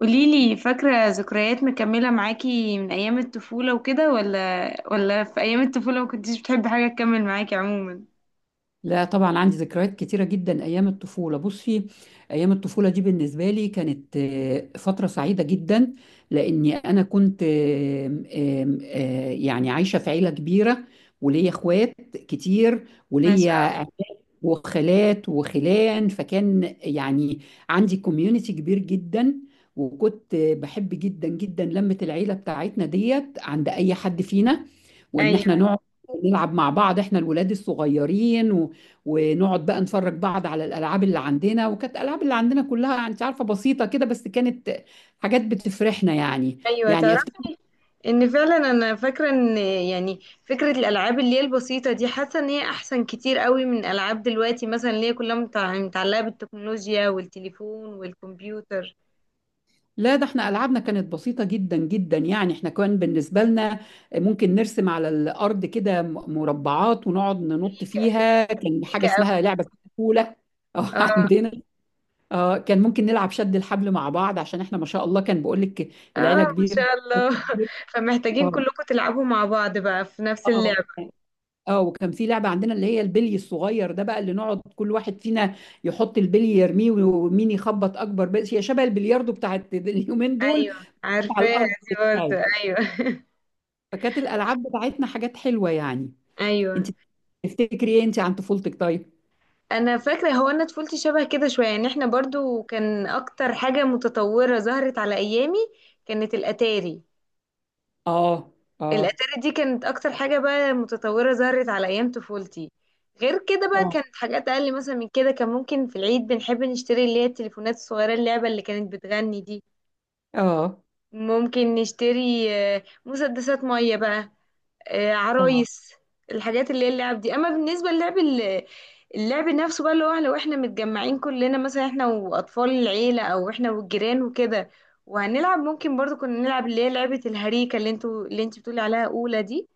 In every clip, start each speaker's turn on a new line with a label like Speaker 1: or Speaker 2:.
Speaker 1: قوليلي، فاكرة ذكريات مكملة معاكي من أيام الطفولة وكده، ولا في أيام الطفولة ما كنتيش بتحبي حاجة تكمل معاكي عموما؟
Speaker 2: لا طبعا عندي ذكريات كتيرة جدا أيام الطفولة. بصي، أيام الطفولة دي بالنسبة لي كانت فترة سعيدة جدا لأني أنا كنت آم، آم، آه، يعني عايشة في عيلة كبيرة وليا إخوات كتير،
Speaker 1: ما شاء
Speaker 2: وليا
Speaker 1: الله.
Speaker 2: وخالات وخلان، فكان يعني عندي كوميونتي كبير جدا. وكنت بحب جدا جدا لمة العيلة بتاعتنا ديت عند أي حد فينا، وإن إحنا
Speaker 1: أيوة،
Speaker 2: نقعد نلعب مع بعض إحنا الولاد الصغيرين ونقعد بقى نفرج بعض على الألعاب اللي عندنا. وكانت الألعاب اللي عندنا كلها أنت عارفة بسيطة كده، بس كانت حاجات بتفرحنا يعني.
Speaker 1: أيوة،
Speaker 2: يعني أفتكر،
Speaker 1: تعرفي إن فعلا أنا فاكرة إن يعني فكرة الألعاب اللي هي البسيطة دي، حاسة إن هي أحسن كتير قوي من ألعاب دلوقتي مثلا اللي هي كلها متعلقة بالتكنولوجيا والتليفون والكمبيوتر.
Speaker 2: لا، ده احنا ألعابنا كانت بسيطة جدا جدا. يعني احنا كان بالنسبة لنا ممكن نرسم على الأرض كده مربعات ونقعد ننط
Speaker 1: ريكا.
Speaker 2: فيها. كان حاجة
Speaker 1: ريكا أوي.
Speaker 2: اسمها لعبة كولا أو
Speaker 1: اه،
Speaker 2: عندنا اه، كان ممكن نلعب شد الحبل مع بعض، عشان احنا ما شاء الله كان بقول لك
Speaker 1: اه،
Speaker 2: العيلة
Speaker 1: ما
Speaker 2: كبيرة
Speaker 1: شاء الله فمحتاجين
Speaker 2: اه،
Speaker 1: كلكم تلعبوا مع بعض بقى في نفس اللعب.
Speaker 2: اه، اه، وكان في لعبة عندنا اللي هي البلي الصغير ده بقى، اللي نقعد كل واحد فينا يحط البلي يرميه ومين يخبط أكبر بلي. هي شبه البلياردو بتاعت اليومين دول،
Speaker 1: ايوه،
Speaker 2: على
Speaker 1: عارفاها
Speaker 2: الأرض
Speaker 1: دي برضه،
Speaker 2: بتاعت.
Speaker 1: ايوه
Speaker 2: فكانت الالعاب بتاعتنا حاجات حلوه يعني. انت
Speaker 1: ايوه،
Speaker 2: تفتكري ايه انت عن طفولتك طيب؟
Speaker 1: انا فاكره، هو انا طفولتي شبه كده شويه، يعني احنا برضو كان اكتر حاجه متطوره ظهرت على ايامي كانت الاتاري.
Speaker 2: اه، اه،
Speaker 1: الاتاري دي كانت اكتر حاجه بقى متطوره ظهرت على ايام طفولتي، غير كده بقى
Speaker 2: اه،
Speaker 1: كانت حاجات اقل مثلا من كده، كان ممكن في العيد بنحب نشتري اللي هي التليفونات الصغيره اللعبه اللي كانت بتغني دي،
Speaker 2: اه،
Speaker 1: ممكن نشتري مسدسات ميه بقى،
Speaker 2: اه،
Speaker 1: عرايس الحاجات اللي هي اللعب دي. اما بالنسبه للعب اللعب نفسه بقى، اللي هو لو احنا متجمعين كلنا، مثلا احنا واطفال العيله او احنا والجيران وكده، وهنلعب ممكن برضو كنا نلعب اللي هي لعبه الهريكه اللي انتوا، اللي انت بتقولي عليها اولى دي.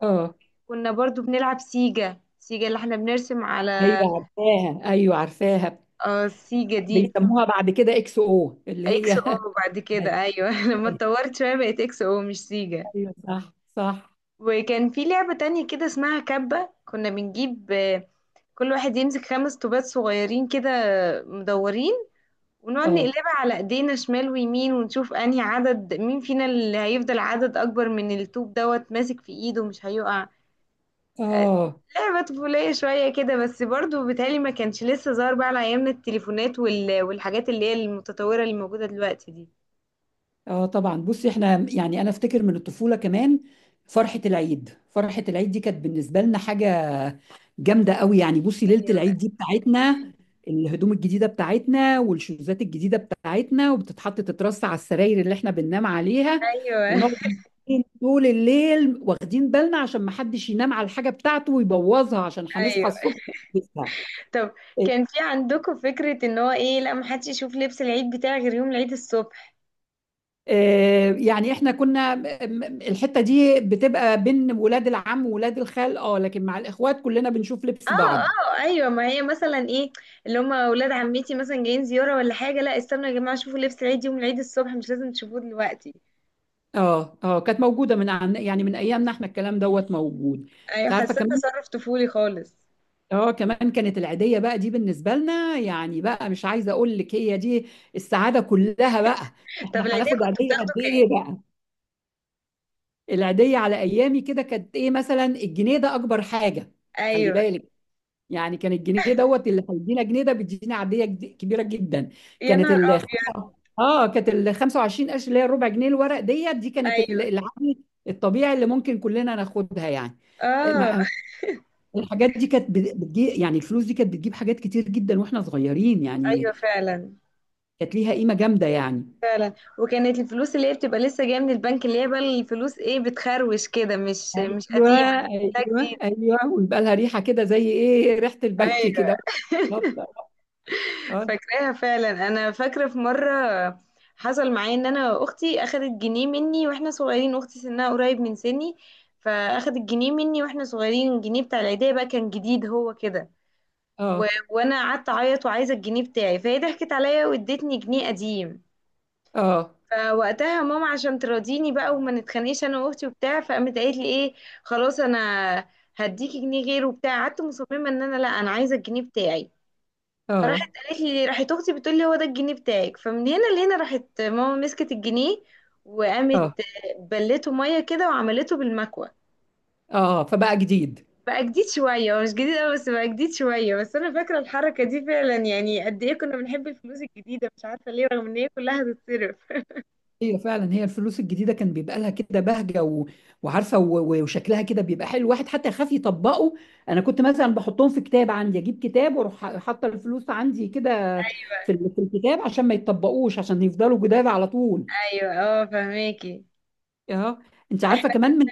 Speaker 2: اه،
Speaker 1: كنا برضو بنلعب سيجا، سيجا اللي احنا بنرسم على،
Speaker 2: ايوه عارفاها، ايوه عارفاها.
Speaker 1: اه سيجا دي
Speaker 2: بيسموها بعد كده اكس او اللي هي
Speaker 1: اكس او بعد كده،
Speaker 2: ايوه،
Speaker 1: ايوه لما اتطورت شويه بقت اكس او مش سيجا.
Speaker 2: أيوة، صح صح.
Speaker 1: وكان في لعبة تانية كده اسمها كبة، كنا بنجيب كل واحد يمسك خمس طوبات صغيرين كده مدورين، ونقعد
Speaker 2: اه،
Speaker 1: نقلبها على ايدينا شمال ويمين، ونشوف انهي عدد مين فينا اللي هيفضل عدد اكبر من الطوب دوت ماسك في ايده مش هيقع. آه،
Speaker 2: اه،
Speaker 1: لعبة طفولية شوية كده، بس برضو بالتالي ما كانش لسه ظهر بقى على ايامنا التليفونات والحاجات اللي هي المتطورة اللي موجودة دلوقتي دي.
Speaker 2: اه، طبعا. بصي احنا يعني انا افتكر من الطفوله كمان فرحه العيد. فرحه العيد دي كانت بالنسبه لنا حاجه جامده قوي يعني. بصي ليله
Speaker 1: ايوه،
Speaker 2: العيد دي بتاعتنا، الهدوم الجديده بتاعتنا والشوزات الجديده بتاعتنا، وبتتحط تترص على السراير اللي احنا بننام عليها،
Speaker 1: ايوه
Speaker 2: ونقعد طول الليل واخدين بالنا عشان ما حدش ينام على الحاجه بتاعته ويبوظها، عشان هنصحى الصبح نلبسها.
Speaker 1: طب كان في عندكم فكرة ان هو ايه؟ لا محدش يشوف لبس العيد بتاعي غير يوم العيد الصبح.
Speaker 2: يعني احنا كنا الحته دي بتبقى بين ولاد العم وولاد الخال، اه، لكن مع الاخوات كلنا بنشوف
Speaker 1: اه،
Speaker 2: لبس بعض.
Speaker 1: اه، ايوه، ما هي مثلا ايه؟ اللي هم اولاد عمتي مثلا جايين زيارة ولا حاجة، لا استنوا يا جماعة شوفوا لبس العيد يوم العيد الصبح، مش لازم تشوفوه دلوقتي.
Speaker 2: اه اه كانت موجوده من يعني من ايامنا احنا الكلام دوت موجود.
Speaker 1: ايوه،
Speaker 2: انت عارفه
Speaker 1: حسيت
Speaker 2: كمان،
Speaker 1: تصرف طفولي خالص.
Speaker 2: كمان كانت العيدية بقى دي بالنسبة لنا يعني بقى، مش عايزة أقول لك، هي دي السعادة كلها بقى.
Speaker 1: طب
Speaker 2: إحنا
Speaker 1: العيدية
Speaker 2: هناخد
Speaker 1: كنت
Speaker 2: عيدية قد
Speaker 1: بتاخده كام؟
Speaker 2: إيه بقى؟ العيدية على أيامي كده كانت إيه، مثلا الجنيه ده أكبر حاجة، خلي
Speaker 1: ايوه،
Speaker 2: بالك. يعني كان الجنيه دوت، اللي هيدينا جنيه ده بيدينا عيدية كبيرة جدا.
Speaker 1: يا
Speaker 2: كانت
Speaker 1: نهار
Speaker 2: ال
Speaker 1: ابيض.
Speaker 2: اه كانت ال 25 قرش اللي هي الربع جنيه الورق ديت دي كانت
Speaker 1: ايوه،
Speaker 2: العادي الطبيعي اللي ممكن كلنا ناخدها يعني.
Speaker 1: اه،
Speaker 2: الحاجات دي كانت بتجي. يعني الفلوس دي كانت بتجيب حاجات كتير جدا واحنا صغيرين يعني،
Speaker 1: ايوه، فعلا
Speaker 2: كانت ليها قيمة جامدة يعني.
Speaker 1: فعلا، وكانت الفلوس اللي هي بتبقى لسه جايه من البنك، اللي هي بقى الفلوس ايه، بتخروش كده، مش
Speaker 2: ايوه،
Speaker 1: قديمه، لا
Speaker 2: ايوه،
Speaker 1: جديده،
Speaker 2: ايوه، ويبقى لها ريحة كده زي ايه، ريحة البنك
Speaker 1: ايوه.
Speaker 2: كده. بالظبط. اه،
Speaker 1: فاكراها فعلا، انا فاكره في مره حصل معايا ان انا اختي اخدت جنيه مني واحنا صغيرين، اختي سنها قريب من سني، فاخدت جنيه مني واحنا صغيرين، الجنيه بتاع العيديه بقى كان جديد هو كده،
Speaker 2: اه،
Speaker 1: وانا قعدت اعيط وعايزه الجنيه بتاعي، فهي ضحكت عليا وادتني جنيه قديم.
Speaker 2: اه، اه،
Speaker 1: فوقتها ماما عشان تراضيني بقى وما نتخانقش انا واختي وبتاع، فقامت قالت لي ايه، خلاص انا هديكي جنيه غيره وبتاع، قعدت مصممه ان انا لا انا عايزه الجنيه بتاعي،
Speaker 2: اه،
Speaker 1: فراحت قالت لي، راحت اختي بتقول لي هو ده الجنيه بتاعك، فمن هنا لهنا راحت ماما مسكت الجنيه وقامت
Speaker 2: اه،
Speaker 1: بلته ميه كده وعملته بالمكوه،
Speaker 2: آه، فبقى جديد.
Speaker 1: بقى جديد شويه، هو مش جديد قوي بس بقى جديد شويه، بس انا فاكره الحركه دي فعلا، يعني قد ايه كنا بنحب الفلوس الجديده مش عارفه ليه رغم ان هي كلها هتتصرف.
Speaker 2: ايوه فعلا، هي الفلوس الجديده كان بيبقى لها كده بهجه وعارفه وشكلها كده بيبقى حلو، الواحد حتى يخاف يطبقه. انا كنت مثلا بحطهم في كتاب عندي، اجيب كتاب واروح حاطه الفلوس عندي كده في الكتاب، عشان ما يتطبقوش، عشان يفضلوا جداد على طول.
Speaker 1: ايوه، اه، فهماكي
Speaker 2: اه. انت عارفه كمان من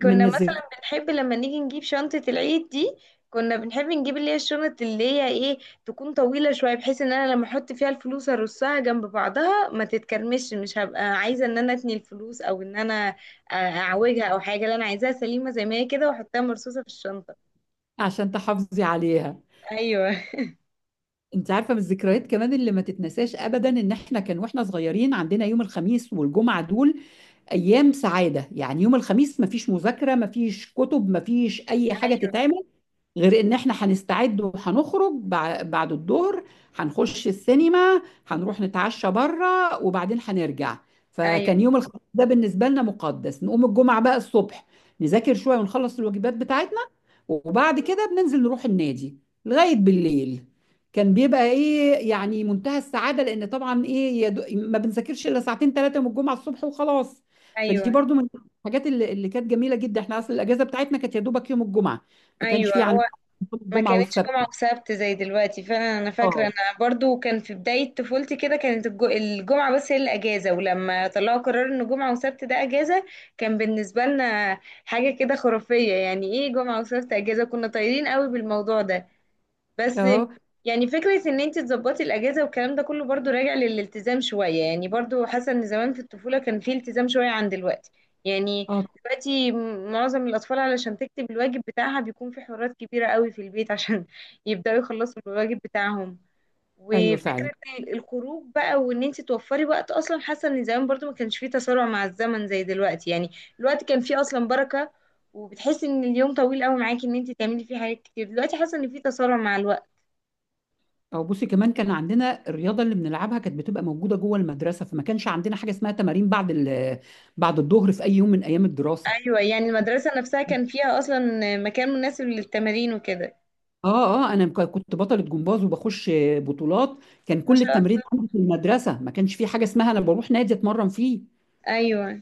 Speaker 2: من
Speaker 1: كنا
Speaker 2: الذكريات،
Speaker 1: مثلا بنحب لما نيجي نجيب شنطة العيد دي، كنا بنحب نجيب اللي هي الشنط اللي هي ايه، تكون طويلة شوية، بحيث ان انا لما احط فيها الفلوس ارصها جنب بعضها ما تتكرمش، مش هبقى عايزة ان انا اتني الفلوس، او ان انا اعوجها او حاجة، لا انا عايزاها سليمة زي ما هي كده واحطها مرصوصة في الشنطة.
Speaker 2: عشان تحافظي عليها.
Speaker 1: ايوه،
Speaker 2: انت عارفه من الذكريات كمان اللي ما تتنساش ابدا، ان احنا كان واحنا صغيرين عندنا يوم الخميس والجمعه دول ايام سعاده. يعني يوم الخميس مفيش مذاكره، مفيش كتب، مفيش اي حاجه تتعمل، غير ان احنا هنستعد وهنخرج بعد الظهر، هنخش السينما، هنروح نتعشى بره وبعدين هنرجع.
Speaker 1: ايوه،
Speaker 2: فكان يوم الخميس ده بالنسبه لنا مقدس. نقوم الجمعه بقى الصبح نذاكر شويه ونخلص الواجبات بتاعتنا، وبعد كده بننزل نروح النادي لغاية بالليل، كان بيبقى ايه يعني منتهى السعادة، لان طبعا ايه ما بنذاكرش الا ساعتين ثلاثة من الجمعة الصبح وخلاص. فدي
Speaker 1: ايوه،
Speaker 2: برضو من الحاجات اللي كانت جميلة جدا. احنا اصل الاجازة بتاعتنا كانت يا دوبك يوم الجمعة، ما كانش
Speaker 1: ايوه.
Speaker 2: في عندنا يوم
Speaker 1: ما
Speaker 2: الجمعة
Speaker 1: كانتش
Speaker 2: والسبت.
Speaker 1: جمعة وسبت زي دلوقتي فعلا، انا فاكرة
Speaker 2: اه،
Speaker 1: انا برضو كان في بداية طفولتي كده كانت الجمعة بس هي الاجازة، ولما طلعوا قرار ان جمعة وسبت ده اجازة كان بالنسبة لنا حاجة كده خرافية، يعني ايه جمعة وسبت اجازة، كنا طايرين قوي بالموضوع ده. بس
Speaker 2: اه،
Speaker 1: يعني فكرة ان انت تظبطي الاجازة والكلام ده كله برضو راجع للالتزام شوية، يعني برضو حاسة ان زمان في الطفولة كان في التزام شوية عن دلوقتي، يعني
Speaker 2: اه،
Speaker 1: دلوقتي معظم الاطفال علشان تكتب الواجب بتاعها بيكون في حوارات كبيرة قوي في البيت عشان يبدأوا يخلصوا الواجب بتاعهم،
Speaker 2: ايوه فعلا.
Speaker 1: وفكرة الخروج بقى، وان انت توفري وقت اصلا حاسة ان زمان برضو ما كانش فيه تسارع مع الزمن زي دلوقتي، يعني الوقت كان فيه اصلا بركة، وبتحسي ان اليوم طويل قوي معاكي ان انت تعملي فيه حاجات كتير، دلوقتي حاسة ان فيه تسارع مع الوقت.
Speaker 2: اه بصي كمان، كان عندنا الرياضة اللي بنلعبها كانت بتبقى موجودة جوه المدرسة، فما كانش عندنا حاجة اسمها تمارين بعد الظهر في اي يوم من ايام الدراسة.
Speaker 1: ايوه، يعني المدرسة نفسها كان فيها اصلا مكان مناسب للتمارين وكده.
Speaker 2: اه، اه، انا كنت بطلة جمباز وبخش بطولات. كان
Speaker 1: ما
Speaker 2: كل
Speaker 1: شاء
Speaker 2: التمرين
Speaker 1: الله،
Speaker 2: عندي في المدرسة، ما كانش في حاجة اسمها انا بروح نادي اتمرن فيه.
Speaker 1: ايوه،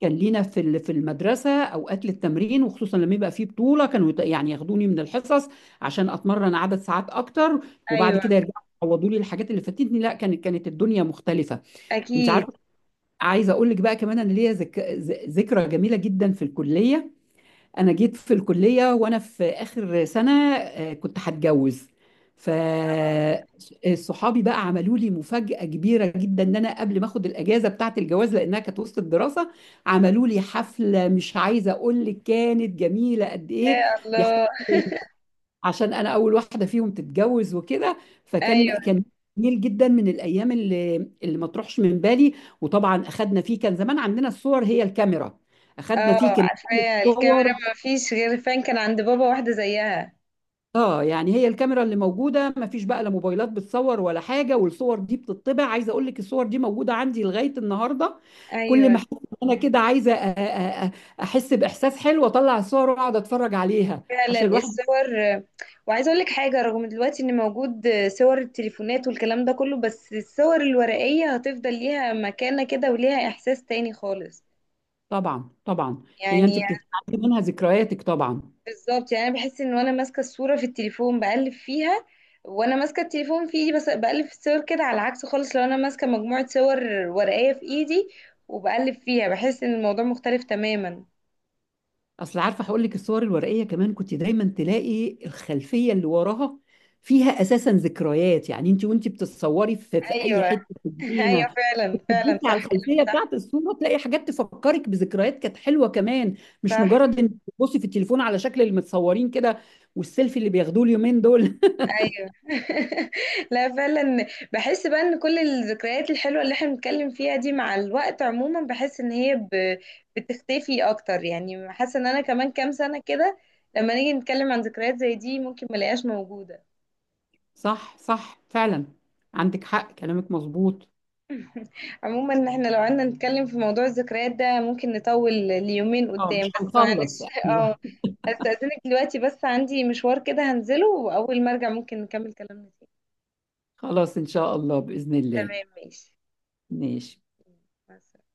Speaker 2: كان لينا في المدرسة اوقات للتمرين، وخصوصا لما يبقى فيه بطولة كانوا يعني ياخدوني من الحصص عشان اتمرن عدد ساعات اكتر، وبعد
Speaker 1: ايوه،
Speaker 2: كده يرجعوا يعوضوا لي الحاجات اللي فاتتني. لا، كانت الدنيا مختلفة. انت
Speaker 1: اكيد.
Speaker 2: عارفة، عايزة اقول لك بقى كمان، انا ليا ذكرى جميلة جدا في الكلية. انا جيت في الكليه وانا في اخر سنه، كنت هتجوز، ف صحابي بقى عملوا لي مفاجاه كبيره جدا. ان انا قبل ما اخد الاجازه بتاعه الجواز لانها كانت وسط الدراسه، عملوا لي حفله، مش عايزه اقول لك كانت جميله قد ايه.
Speaker 1: يا
Speaker 2: بيحتفلوا
Speaker 1: الله.
Speaker 2: بيا عشان انا اول واحده فيهم تتجوز وكده. فكان
Speaker 1: ايوه،
Speaker 2: جميل جدا، من الايام اللي ما تروحش من بالي. وطبعا اخدنا فيه، كان زمان عندنا الصور هي الكاميرا، اخدنا
Speaker 1: اه،
Speaker 2: فيه كميه
Speaker 1: عارفاها
Speaker 2: صور.
Speaker 1: الكاميرا، ما فيش غير فان كان عند بابا واحدة زيها.
Speaker 2: اه، يعني هي الكاميرا اللي موجوده، ما فيش بقى لا موبايلات بتصور ولا حاجه، والصور دي بتطبع. عايزه اقول لك الصور دي موجوده عندي لغايه النهارده. كل
Speaker 1: ايوه
Speaker 2: ما احس إن انا كده عايزه احس باحساس حلو، اطلع الصور واقعد اتفرج عليها
Speaker 1: فعلا
Speaker 2: عشان الواحد.
Speaker 1: الصور، وعايزه اقول لك حاجه، رغم دلوقتي ان موجود صور التليفونات والكلام ده كله، بس الصور الورقيه هتفضل ليها مكانه كده وليها احساس تاني خالص
Speaker 2: طبعا طبعا، هي
Speaker 1: يعني.
Speaker 2: انت بتتعلمي منها ذكرياتك طبعا.
Speaker 1: بالظبط، يعني انا بحس ان وانا ماسكه الصوره في التليفون بقلب فيها، وانا ماسكه التليفون في ايدي بس بقلب في الصور كده، على العكس خالص لو انا ماسكه مجموعه صور ورقيه في ايدي وبقلب فيها بحس ان الموضوع مختلف تماما.
Speaker 2: اصل عارفه هقول لك الصور الورقيه كمان، كنت دايما تلاقي الخلفيه اللي وراها فيها اساسا ذكريات. يعني انت وانت بتتصوري في اي
Speaker 1: ايوه
Speaker 2: حته في
Speaker 1: ايوه
Speaker 2: الجنينه،
Speaker 1: فعلا
Speaker 2: كنت
Speaker 1: فعلا،
Speaker 2: تبصي على
Speaker 1: صح كلامك،
Speaker 2: الخلفيه
Speaker 1: صح
Speaker 2: بتاعت الصوره تلاقي حاجات تفكرك بذكريات كانت حلوه كمان، مش
Speaker 1: صح،
Speaker 2: مجرد انك تبصي في التليفون على شكل اللي متصورين كده والسيلفي اللي بياخدوه اليومين دول
Speaker 1: ايوه لا فعلا. بحس بقى ان كل الذكريات الحلوه اللي احنا بنتكلم فيها دي مع الوقت عموما، بحس ان هي بتختفي اكتر، يعني حاسه ان انا كمان كام سنه كده لما نيجي نتكلم عن ذكريات زي دي ممكن ملاقيهاش موجوده.
Speaker 2: صح، صح فعلا، عندك حق كلامك مظبوط.
Speaker 1: عموما احنا لو قعدنا نتكلم في موضوع الذكريات ده ممكن نطول ليومين
Speaker 2: اه
Speaker 1: قدام،
Speaker 2: مش
Speaker 1: بس
Speaker 2: هنخلص،
Speaker 1: معلش اه،
Speaker 2: ايوه.
Speaker 1: هستأذنك دلوقتي بس عندي مشوار كده هنزله، واول ما ارجع ممكن نكمل كلامنا فيه.
Speaker 2: خلاص ان شاء الله، باذن الله.
Speaker 1: تمام، ماشي،
Speaker 2: ماشي.
Speaker 1: مع السلامة.